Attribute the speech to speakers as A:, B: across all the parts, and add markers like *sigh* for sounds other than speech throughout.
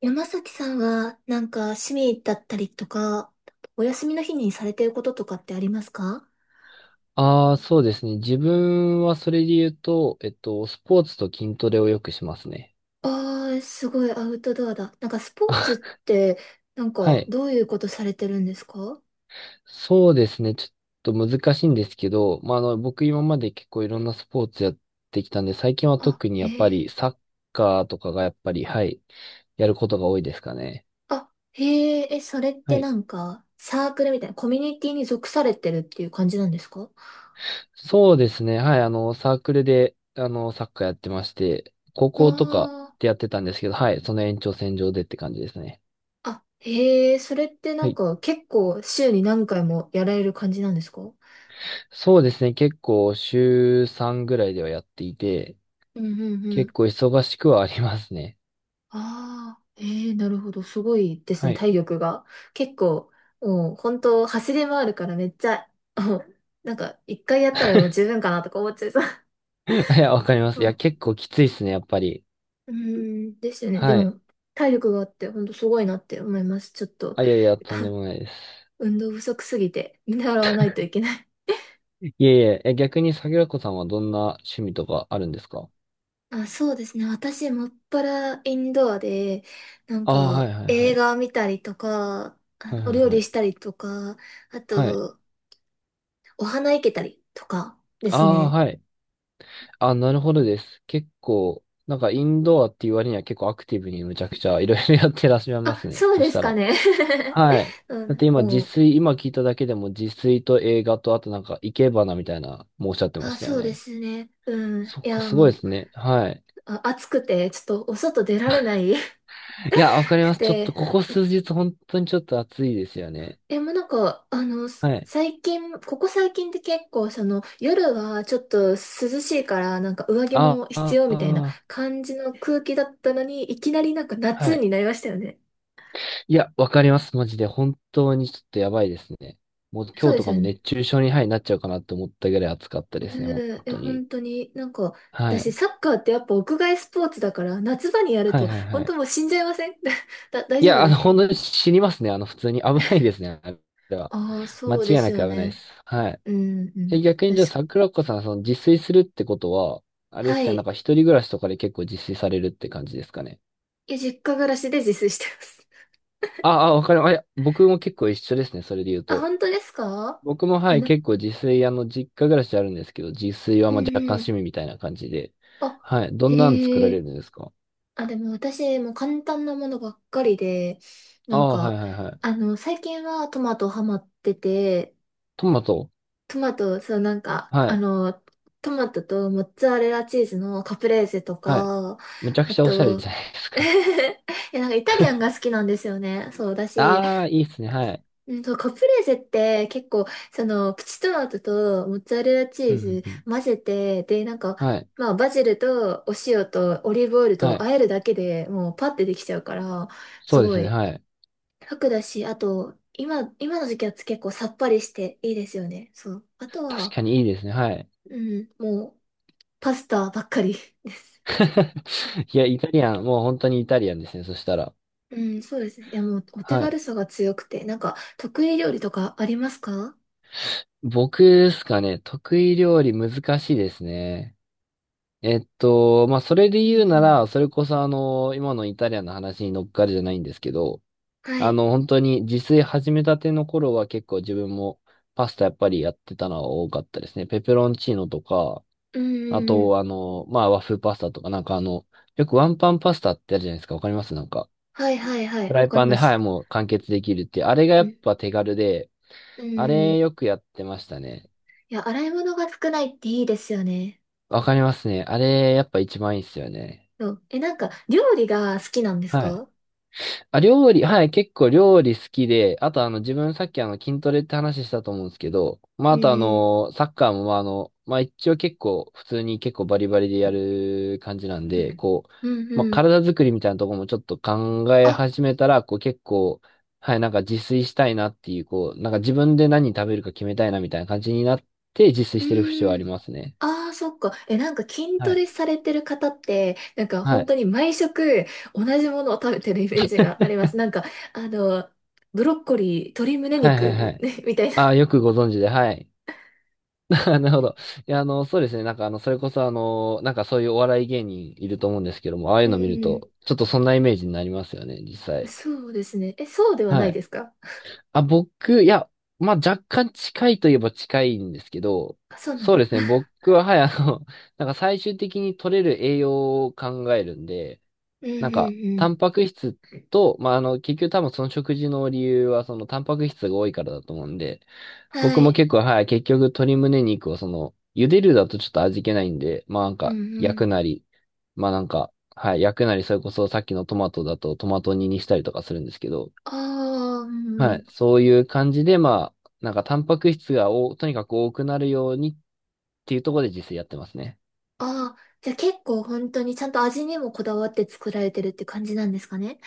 A: 山崎さんは、趣味だったりとか、お休みの日にされてることとかってありますか？
B: ああ、そうですね。自分はそれで言うと、スポーツと筋トレをよくしますね。
A: ああー、すごいアウトドアだ。スポーツっ
B: *laughs*
A: て、
B: はい。
A: どういうことされてるんですか？
B: そうですね。ちょっと難しいんですけど、まあ、僕今まで結構いろんなスポーツやってきたんで、最近は
A: あ、
B: 特に
A: へ
B: やっぱ
A: え。
B: りサッカーとかがやっぱり、はい、やることが多いですかね。
A: あ、へえ、え、それっ
B: は
A: て
B: い。
A: なんか、サークルみたいな、コミュニティに属されてるっていう感じなんですか？
B: そうですね。はい。サークルで、サッカーやってまして、高
A: あ
B: 校とか
A: あ
B: でやってたんですけど、はい。その延長線上でって感じですね。
A: ー、あ、へえ、それってな
B: は
A: ん
B: い
A: か、結構、週に何回もやられる感じなんですか？う
B: そうですね。結構週3ぐらいではやっていて、
A: んう
B: 結
A: ん。
B: 構忙しくはありますね。
A: ああ、ええ、なるほど。すごいです
B: は
A: ね、
B: い。
A: 体力が。結構、もう本当走り回るからめっちゃ、もうなんか一回やったらもう十
B: *laughs*
A: 分かなとか思っちゃいそう。
B: いや、わかります。い
A: あ、
B: や、結構きついですね、やっぱり。
A: うーん、ですよね。で
B: はい。
A: も、体力があって本当すごいなって思います。ちょっと、
B: あ、いやいや、
A: *laughs*
B: とんで
A: あ、
B: もないです。
A: 運動不足すぎて見習わないといけない。
B: いえいえ、え、逆に桜子さんはどんな趣味とかあるんですか？
A: あ、そうですね。私、もっぱらインドアで、なん
B: ああ、はい
A: か
B: はいは
A: 映
B: い。
A: 画見たりとか、あ、
B: はいは
A: お料
B: いは
A: 理
B: い。
A: したりとか、あ
B: はい。
A: と、お花いけたりとかで
B: あ
A: す
B: あ、
A: ね。
B: はい。あ、なるほどです。結構、なんかインドアっていう割には結構アクティブにむちゃくちゃいろいろやってらっしゃいま
A: あ、
B: すね。
A: そう
B: そ
A: で
B: し
A: す
B: た
A: か
B: ら。
A: ね。*laughs*
B: はい。
A: う
B: だって
A: ん、
B: 今、自
A: もう、
B: 炊、今聞いただけでも自炊と映画と、あとなんか、生け花みたいな、もうおっしゃってま
A: あ、
B: したよ
A: そうで
B: ね。
A: すね。うん。
B: そ
A: い
B: っか、
A: や、
B: すごいで
A: も
B: すね。はい。
A: う、あ、暑くて、ちょっとお外出られない *laughs*
B: いや、わかり
A: く
B: ます。ちょっと、
A: て。
B: ここ数日、本当にちょっと暑いですよね。
A: え、もうなんか、
B: はい。
A: 最近、ここ最近って結構、その、夜はちょっと涼しいから、なんか上着
B: あ
A: も必
B: あ、
A: 要みたいな
B: あー
A: 感じの空気だったのに、いきなりなんか
B: は
A: 夏
B: い。
A: になりましたよね。
B: いや、わかります。マジで。本当にちょっとやばいですね。もう
A: そ
B: 今
A: う
B: 日
A: で
B: と
A: す
B: か
A: よ
B: も
A: ね。
B: 熱中症に、はい、なっちゃうかなって思ったぐらい暑かったですね。
A: う
B: 本
A: ん、え、
B: 当に。
A: 本当に、なんか、
B: は
A: 私、
B: い。
A: サッカーってやっぱ屋外スポーツだから、夏場にやる
B: はい、
A: と、
B: はい、は
A: 本
B: い。
A: 当もう死んじゃいません？ *laughs* だ、大
B: い
A: 丈夫
B: や、
A: です
B: 本
A: か？
B: 当に死にますね。普通に危ないですね。あれは。
A: ああ、
B: 間
A: そ
B: 違
A: うで
B: い
A: す
B: なく
A: よ
B: 危ないで
A: ね。
B: す。はい。
A: うん、うん。
B: え、逆にじゃあ、
A: 確か、
B: 桜子さん、その、自炊するってことは、あれです
A: は
B: かね、なん
A: い。
B: か一人暮らしとかで結構自炊されるって感じですかね。
A: いや、実家暮らしで自炊してます。
B: ああ、わかる。あ、いや、僕も結構一緒ですね。それで言う
A: *laughs* あ、
B: と。
A: 本当ですか？
B: 僕も、は
A: え、
B: い、
A: な、
B: 結構自炊、実家暮らしあるんですけど、自炊は
A: う
B: まあ若
A: ん
B: 干
A: う
B: 趣味
A: ん。
B: みたいな感じで。
A: あ、
B: はい。どんなん作
A: へ
B: られる
A: え。
B: んですか？
A: あ、でも私、もう簡単なものばっかりで、
B: あ
A: なん
B: あ、はい
A: か、
B: はいはい。
A: あの、最近はトマトハマってて、
B: トマト。
A: トマト、そう、なんか、
B: は
A: あ
B: い。
A: の、トマトとモッツァレラチーズのカプレーゼと
B: はい。
A: か、
B: むちゃく
A: あ
B: ちゃおしゃれ
A: と、
B: じゃないです
A: *laughs*
B: か。
A: いや、なんかイタリアンが好きなんですよね。そうだし、
B: ああ、いいっすね。はい。
A: うんと、カプレーゼって結構、その、プチトマトとモッツァレラチ
B: う
A: ー
B: んう
A: ズ
B: んうん
A: 混ぜて、で、なんか、
B: はい。
A: まあ、バジルとお塩とオリーブオイルと
B: はい。
A: 和えるだけでもうパッてできちゃうから、す
B: そうで
A: ご
B: すね。
A: い
B: はい。
A: 楽だし、あと、今、今の時期は結構さっぱりしていいですよね。そう。あと
B: 確
A: は、
B: かにいいですね。はい。
A: うん、もう、パスタばっかりです。
B: *laughs* いや、イタリアン、もう本当にイタリアンですね。そしたら。
A: *laughs* うん、そうですね。いや、もう、お手
B: は
A: 軽
B: い。
A: さが強くて、なんか、得意料理とかありますか？
B: 僕ですかね。得意料理難しいですね。まあ、それで
A: うんう
B: 言うな
A: ん。
B: ら、それこそ今のイタリアンの話に乗っかるじゃないんですけど、
A: はい。
B: 本当に自炊始めたての頃は結構自分もパスタやっぱりやってたのは多かったですね。ペペロンチーノとか、
A: うん
B: あ
A: うんうん。
B: と、まあ、和風パスタとか、なんかあの、よくワンパンパスタってあるじゃないですか。わかりますなんか、
A: はいはいはい。
B: フ
A: わ
B: ライ
A: かり
B: パン
A: ま
B: で、は
A: し
B: い、
A: た。
B: もう完結できるって、あれがや
A: う
B: っ
A: ん。
B: ぱ手軽で、
A: うん
B: あ
A: うん。
B: れ
A: い
B: よくやってましたね。
A: や、洗い物が少ないっていいですよね。
B: わかりますね。あれ、やっぱ一番いいっすよね。
A: そう。え、なんか、料理が好きなんです
B: はい。
A: か？
B: あ、料理、はい、結構料理好きで、あとあの、自分さっきあの、筋トレって話したと思うんですけど、まあ、
A: う
B: あとあ
A: ん
B: の、サッカーもまあ、まあ、一応結構、普通に結構バリバリでやる感じなん
A: う
B: で、
A: ん。
B: こう、
A: うん
B: まあ、
A: うん。
B: 体作りみたいなところもちょっと考え
A: あ、
B: 始めたら、こう結構、はい、なんか自炊したいなっていう、こう、なんか自分で何食べるか決めたいなみたいな感じになって、自炊
A: う
B: してる節はあり
A: ん。
B: ますね。
A: ああ、そっか。え、なんか筋
B: は
A: ト
B: い。
A: レされてる方って、なんか
B: は
A: 本当
B: い。
A: に毎食同じものを食べてるイメージがあります。なんか、あの、ブロッコリー、鶏胸
B: はいはいは
A: 肉、
B: い。
A: ね、みたいな。
B: ああ、よくご存知で、はい。あなるほど。いや、そうですね。なんか、それこそ、なんかそういうお笑い芸人いると思うんですけども、ああ
A: *laughs*
B: いう
A: う
B: の見る
A: ん。
B: と、ちょっとそんなイメージになりますよね、実際。
A: そうですね。え、そうではな
B: は
A: い
B: い。
A: ですか？
B: あ、僕、いや、まあ、若干近いといえば近いんですけど、
A: *laughs* あ、そうなん
B: そうで
A: だ。
B: すね。
A: *laughs*
B: 僕は、はい、*laughs* なんか最終的に取れる栄養を考えるんで、
A: うんう
B: なんか、
A: んう
B: タ
A: ん。
B: ンパク質と、まあ、結局多分その食事の理由は、そのタンパク質が多いからだと思うんで、
A: は
B: 僕も
A: い。
B: 結構、はい、結局鶏胸肉をその、茹でるだとちょっと味気ないんで、まあなん
A: うん
B: か、
A: う
B: 焼
A: ん。
B: くなり、まあなんか、はい、焼くなり、それこそさっきのトマトだとトマト煮にしたりとかするんですけど、
A: ああ、う
B: は
A: ん。
B: い、そういう感じで、まあ、なんかタンパク質がお、とにかく多くなるようにっていうところで自炊やってますね。
A: ああ、じゃあ結構本当にちゃんと味にもこだわって作られてるって感じなんですかね？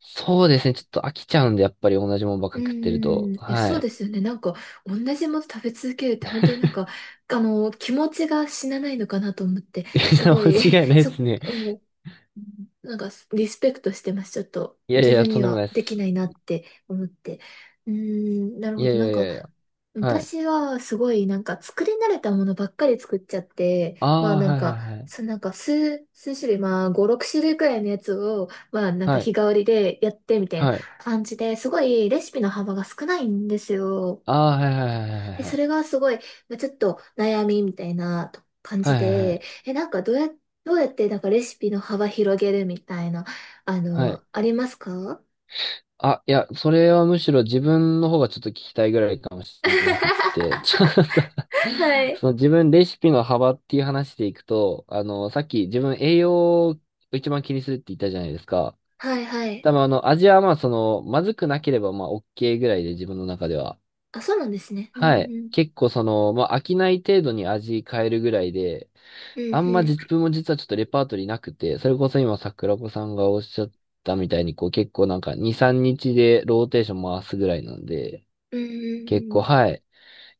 B: そうですね、ちょっと飽きちゃうんで、やっぱり同じもんばっか
A: う
B: 食ってる
A: ー
B: と、
A: ん、え、
B: は
A: そうで
B: い。
A: すよね。なんか、同じもの食べ続けるって本当になんか、あの、気持ちが死なないのかなと思って、
B: *laughs* い
A: す
B: や、
A: ごい、
B: 間違い
A: *laughs*
B: ない
A: そ、
B: ですね。
A: もうなんかリスペクトしてます。ちょっと
B: いやい
A: 自
B: や、
A: 分
B: と
A: に
B: んでも
A: は
B: ないで
A: できな
B: す。
A: いなって思って。うーん、なる
B: い
A: ほ
B: や
A: ど。
B: い
A: なん
B: やい
A: か
B: やいや、はい。
A: 私はすごいなんか作り慣れたものばっかり作っちゃって、
B: あ
A: ま
B: あ、
A: あなん
B: はいは
A: か、
B: いはい。
A: 数種類、まあ5、6種類くらいのやつを、まあなんか
B: は
A: 日
B: い。
A: 替わりでやってみたい
B: は
A: な
B: い
A: 感じですごいレシピの幅が少ないんですよ。
B: ああ、はいはいはいは
A: で、
B: いは
A: そ
B: い。
A: れがすごい、まあ、ちょっと悩みみたいなと感
B: は
A: じ
B: いはいは
A: で、
B: い。
A: え、どうやってなんかレシピの幅広げるみたいな、あ
B: はい。
A: の、ありますか？
B: あ、いや、それはむしろ自分の方がちょっと聞きたいぐらいかもしれなくっ
A: *laughs*
B: て、*laughs* ちょっと
A: は
B: *laughs*
A: い。
B: その自分レシピの幅っていう話でいくと、さっき自分栄養を一番気にするって言ったじゃないですか。
A: はいはい。
B: 多分味はまあその、まずくなければまあ OK ぐらいで自分の中では。
A: あ、そうなんですね。うん
B: はい。
A: うん。
B: 結構その、まあ飽きない程度に味変えるぐらいで、
A: う
B: あんま
A: ん
B: 実分も実はちょっとレパートリーなくて、それこそ今桜子さんがおっしゃったみたいに、こう結構なんか2、3日でローテーション回すぐらいなんで、
A: うん。うん
B: 結
A: うんう
B: 構
A: ん。
B: はい。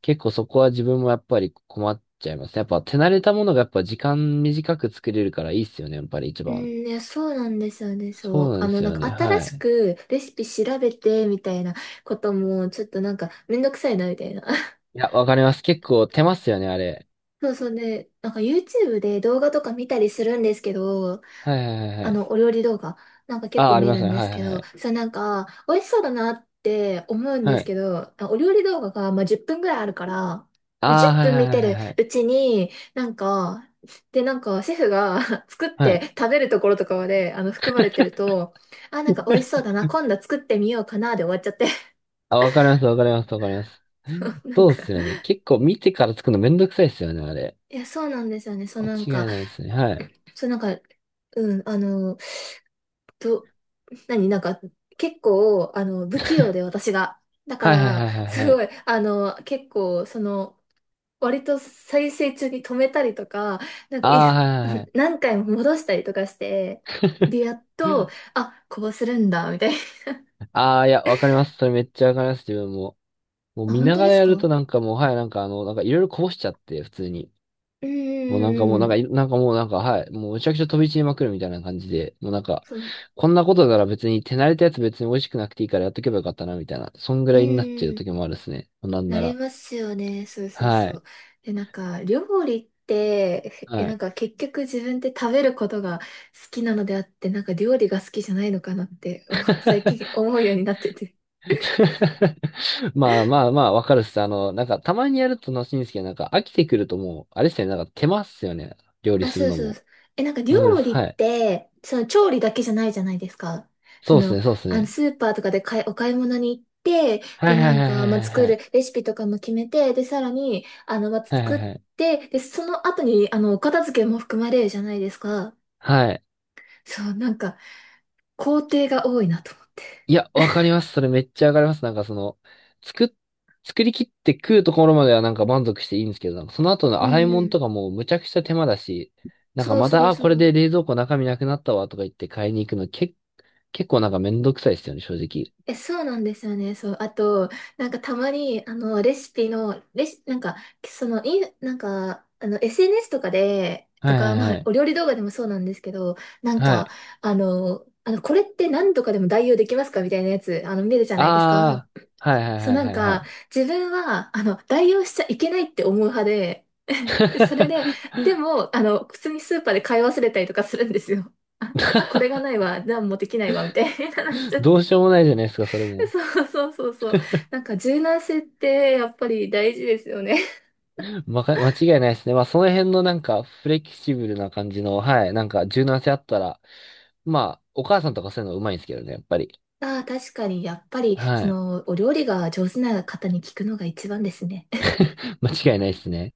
B: 結構そこは自分もやっぱり困っちゃいますね。やっぱ手慣れたものがやっぱ時間短く作れるからいいっすよね、やっぱり一
A: うん、
B: 番。
A: いや、そうなんですよね。そ
B: そ
A: う。
B: うな
A: あ
B: んで
A: の、
B: す
A: なん
B: よ
A: か
B: ね、
A: 新
B: は
A: し
B: い。
A: くレシピ調べてみたいなことも、ちょっとなんかめんどくさいなみたいな。*laughs*
B: いや、わかります。結構手ますよね、あれ。
A: そうそうね。なんか YouTube で動画とか見たりするんですけど、
B: はいはいはい
A: あ
B: はい。
A: の、お料理動画なんか結
B: ああ、
A: 構
B: あり
A: 見
B: ます
A: るん
B: ね。
A: で
B: は
A: す
B: い
A: け
B: はいは
A: ど、
B: い。
A: それなんか、美味しそうだなって思うんで
B: は
A: す
B: い。
A: けど、お料理動画がまあ10分ぐらいあるから、
B: あ
A: で、
B: あ、
A: 10
B: はい
A: 分
B: はい
A: 見
B: は
A: て
B: いは
A: る
B: いはい。
A: うちに、なんか、で、なんか、シェフが *laughs* 作っ
B: はい
A: て食べるところとかまで、あの、含まれてると、あ、なんか美味しそうだな、今度作ってみようかな、で終わっちゃって。
B: あ、わかります、わかります、わかります。
A: *laughs* なん
B: そうっ
A: か、
B: すよね。結構見てから作るのめんどくさいっすよね、あれ。
A: いや、そうなんですよね。そう
B: 間
A: なん
B: 違
A: か、
B: いないですね。はい。
A: そうなんか、うん、あの、と、何、なんか、結構、あの、不器用で私が。だか
B: はいはい
A: ら、
B: はいは
A: す
B: いはい。
A: ごい、あの、結構、その、割と再生中に止めたりとか、なん
B: あ
A: か、い
B: あ、はいはいは
A: *laughs*
B: い。
A: 何回も戻したりとかして、で、やっと、あ、こうするんだ、みたいな。
B: *laughs* ああ、いや、わかります。それめっちゃわかります、自分も。もう
A: あ、
B: 見
A: 本
B: な
A: 当
B: が
A: で
B: ら
A: す
B: やると
A: か？
B: なんかもう、はい、なんかあの、なんかいろいろこぼしちゃって、普通に。
A: うん
B: もうなん
A: う
B: かも
A: ん
B: う
A: う
B: な
A: ん
B: ん
A: う
B: か
A: ん。
B: い、なんかもうなんか、はい、もうむちゃくちゃ飛び散りまくるみたいな感じで、もうなんか、
A: そう。
B: こんなことなら別に手慣れたやつ別に美味しくなくていいからやっとけばよかったな、みたいな。そんぐ
A: う
B: ら
A: ん
B: いになっちゃ
A: う
B: う
A: ん。
B: 時もあるっすね。なん
A: な
B: な
A: り
B: ら。
A: ますよね。そうそう
B: は
A: そ
B: い。
A: う。で、なんか、料理って、え、
B: は
A: なん
B: い。
A: か結局自分って食べることが好きなのであって、なんか料理が好きじゃないのかなって、*laughs* お最近
B: *laughs*
A: 思うようになってて。
B: *laughs* まあまあまあ、わかるっす。なんか、たまにやると楽しいんですけど、なんか、飽きてくるともう、あれっすね、なんか、手間っすよね。料理
A: あ、
B: する
A: そう
B: の
A: そう
B: も。
A: そう。え、なんか
B: わかるっ
A: 料
B: す。
A: 理っ
B: はい。
A: て、その調理だけじゃないじゃないですか。そ
B: そうっす
A: の、
B: ね、そうっす
A: あの、
B: ね。
A: スーパーとかで買い、お買い物に行って、
B: は
A: で、
B: い
A: な
B: はい
A: ん
B: はいは
A: か、まあ、
B: いはい
A: 作
B: は
A: る
B: い。
A: レシピとかも決めて、で、さらに、あの、まあ、
B: はいはい
A: 作っ
B: はい。
A: て、で、その後に、あの、お片付けも含まれるじゃないですか。
B: はい。
A: そう、なんか、工程が多いなと思って。
B: いや、わかります。それめっちゃわかります。なんか、その、作っ、作り切って食うところまではなんか満足していいんですけど、なんかその後の
A: う
B: 洗
A: ん
B: い
A: う
B: 物とか
A: ん。
B: もうむちゃくちゃ手間だし、なんか
A: そう
B: ま
A: そう
B: た、あ、
A: そ
B: これ
A: う。
B: で冷蔵庫中身なくなったわとか言って買いに行くの、結構なんかめんどくさいっすよね、正直。
A: え、そうなんですよね。そう。あと、なんかたまに、あの、レシピの、レシ、なんか、その、い、なんか、あの、SNS とかで、
B: は
A: と
B: い
A: か、
B: は
A: ま
B: いは
A: あ、
B: い。
A: お料理動画でもそうなんですけど、なん
B: は
A: か、
B: い。
A: あの、これって何とかでも代用できますかみたいなやつ、あの、見るじゃないですか。
B: ああ、はいはい
A: そう、
B: はい
A: な
B: は
A: ん
B: いは
A: か、
B: い。
A: 自分は、あの、代用しちゃいけないって思う派で、で、それで、でも、あの、普通にスーパーで買い忘れたりとかするんですよ。あ、あ、これがないわ、何もできないわ、みたいななっち
B: *laughs*
A: ゃっ
B: どう
A: て。
B: しようもないじゃないですか、それ
A: *laughs*
B: も。
A: そうそうそうそう。なんか柔軟性ってやっぱり大事ですよね。
B: 間違いないですね。まあ、その辺のなんか、フレキシブルな感じの、はい、なんか、柔軟性あったら、まあ、お母さんとかそういうのうまいんですけどね、やっぱり。
A: ああ、確かに、やっぱり、そ
B: はい。
A: の、お料理が上手な方に聞くのが一番ですね。
B: *laughs* 間違いないですね。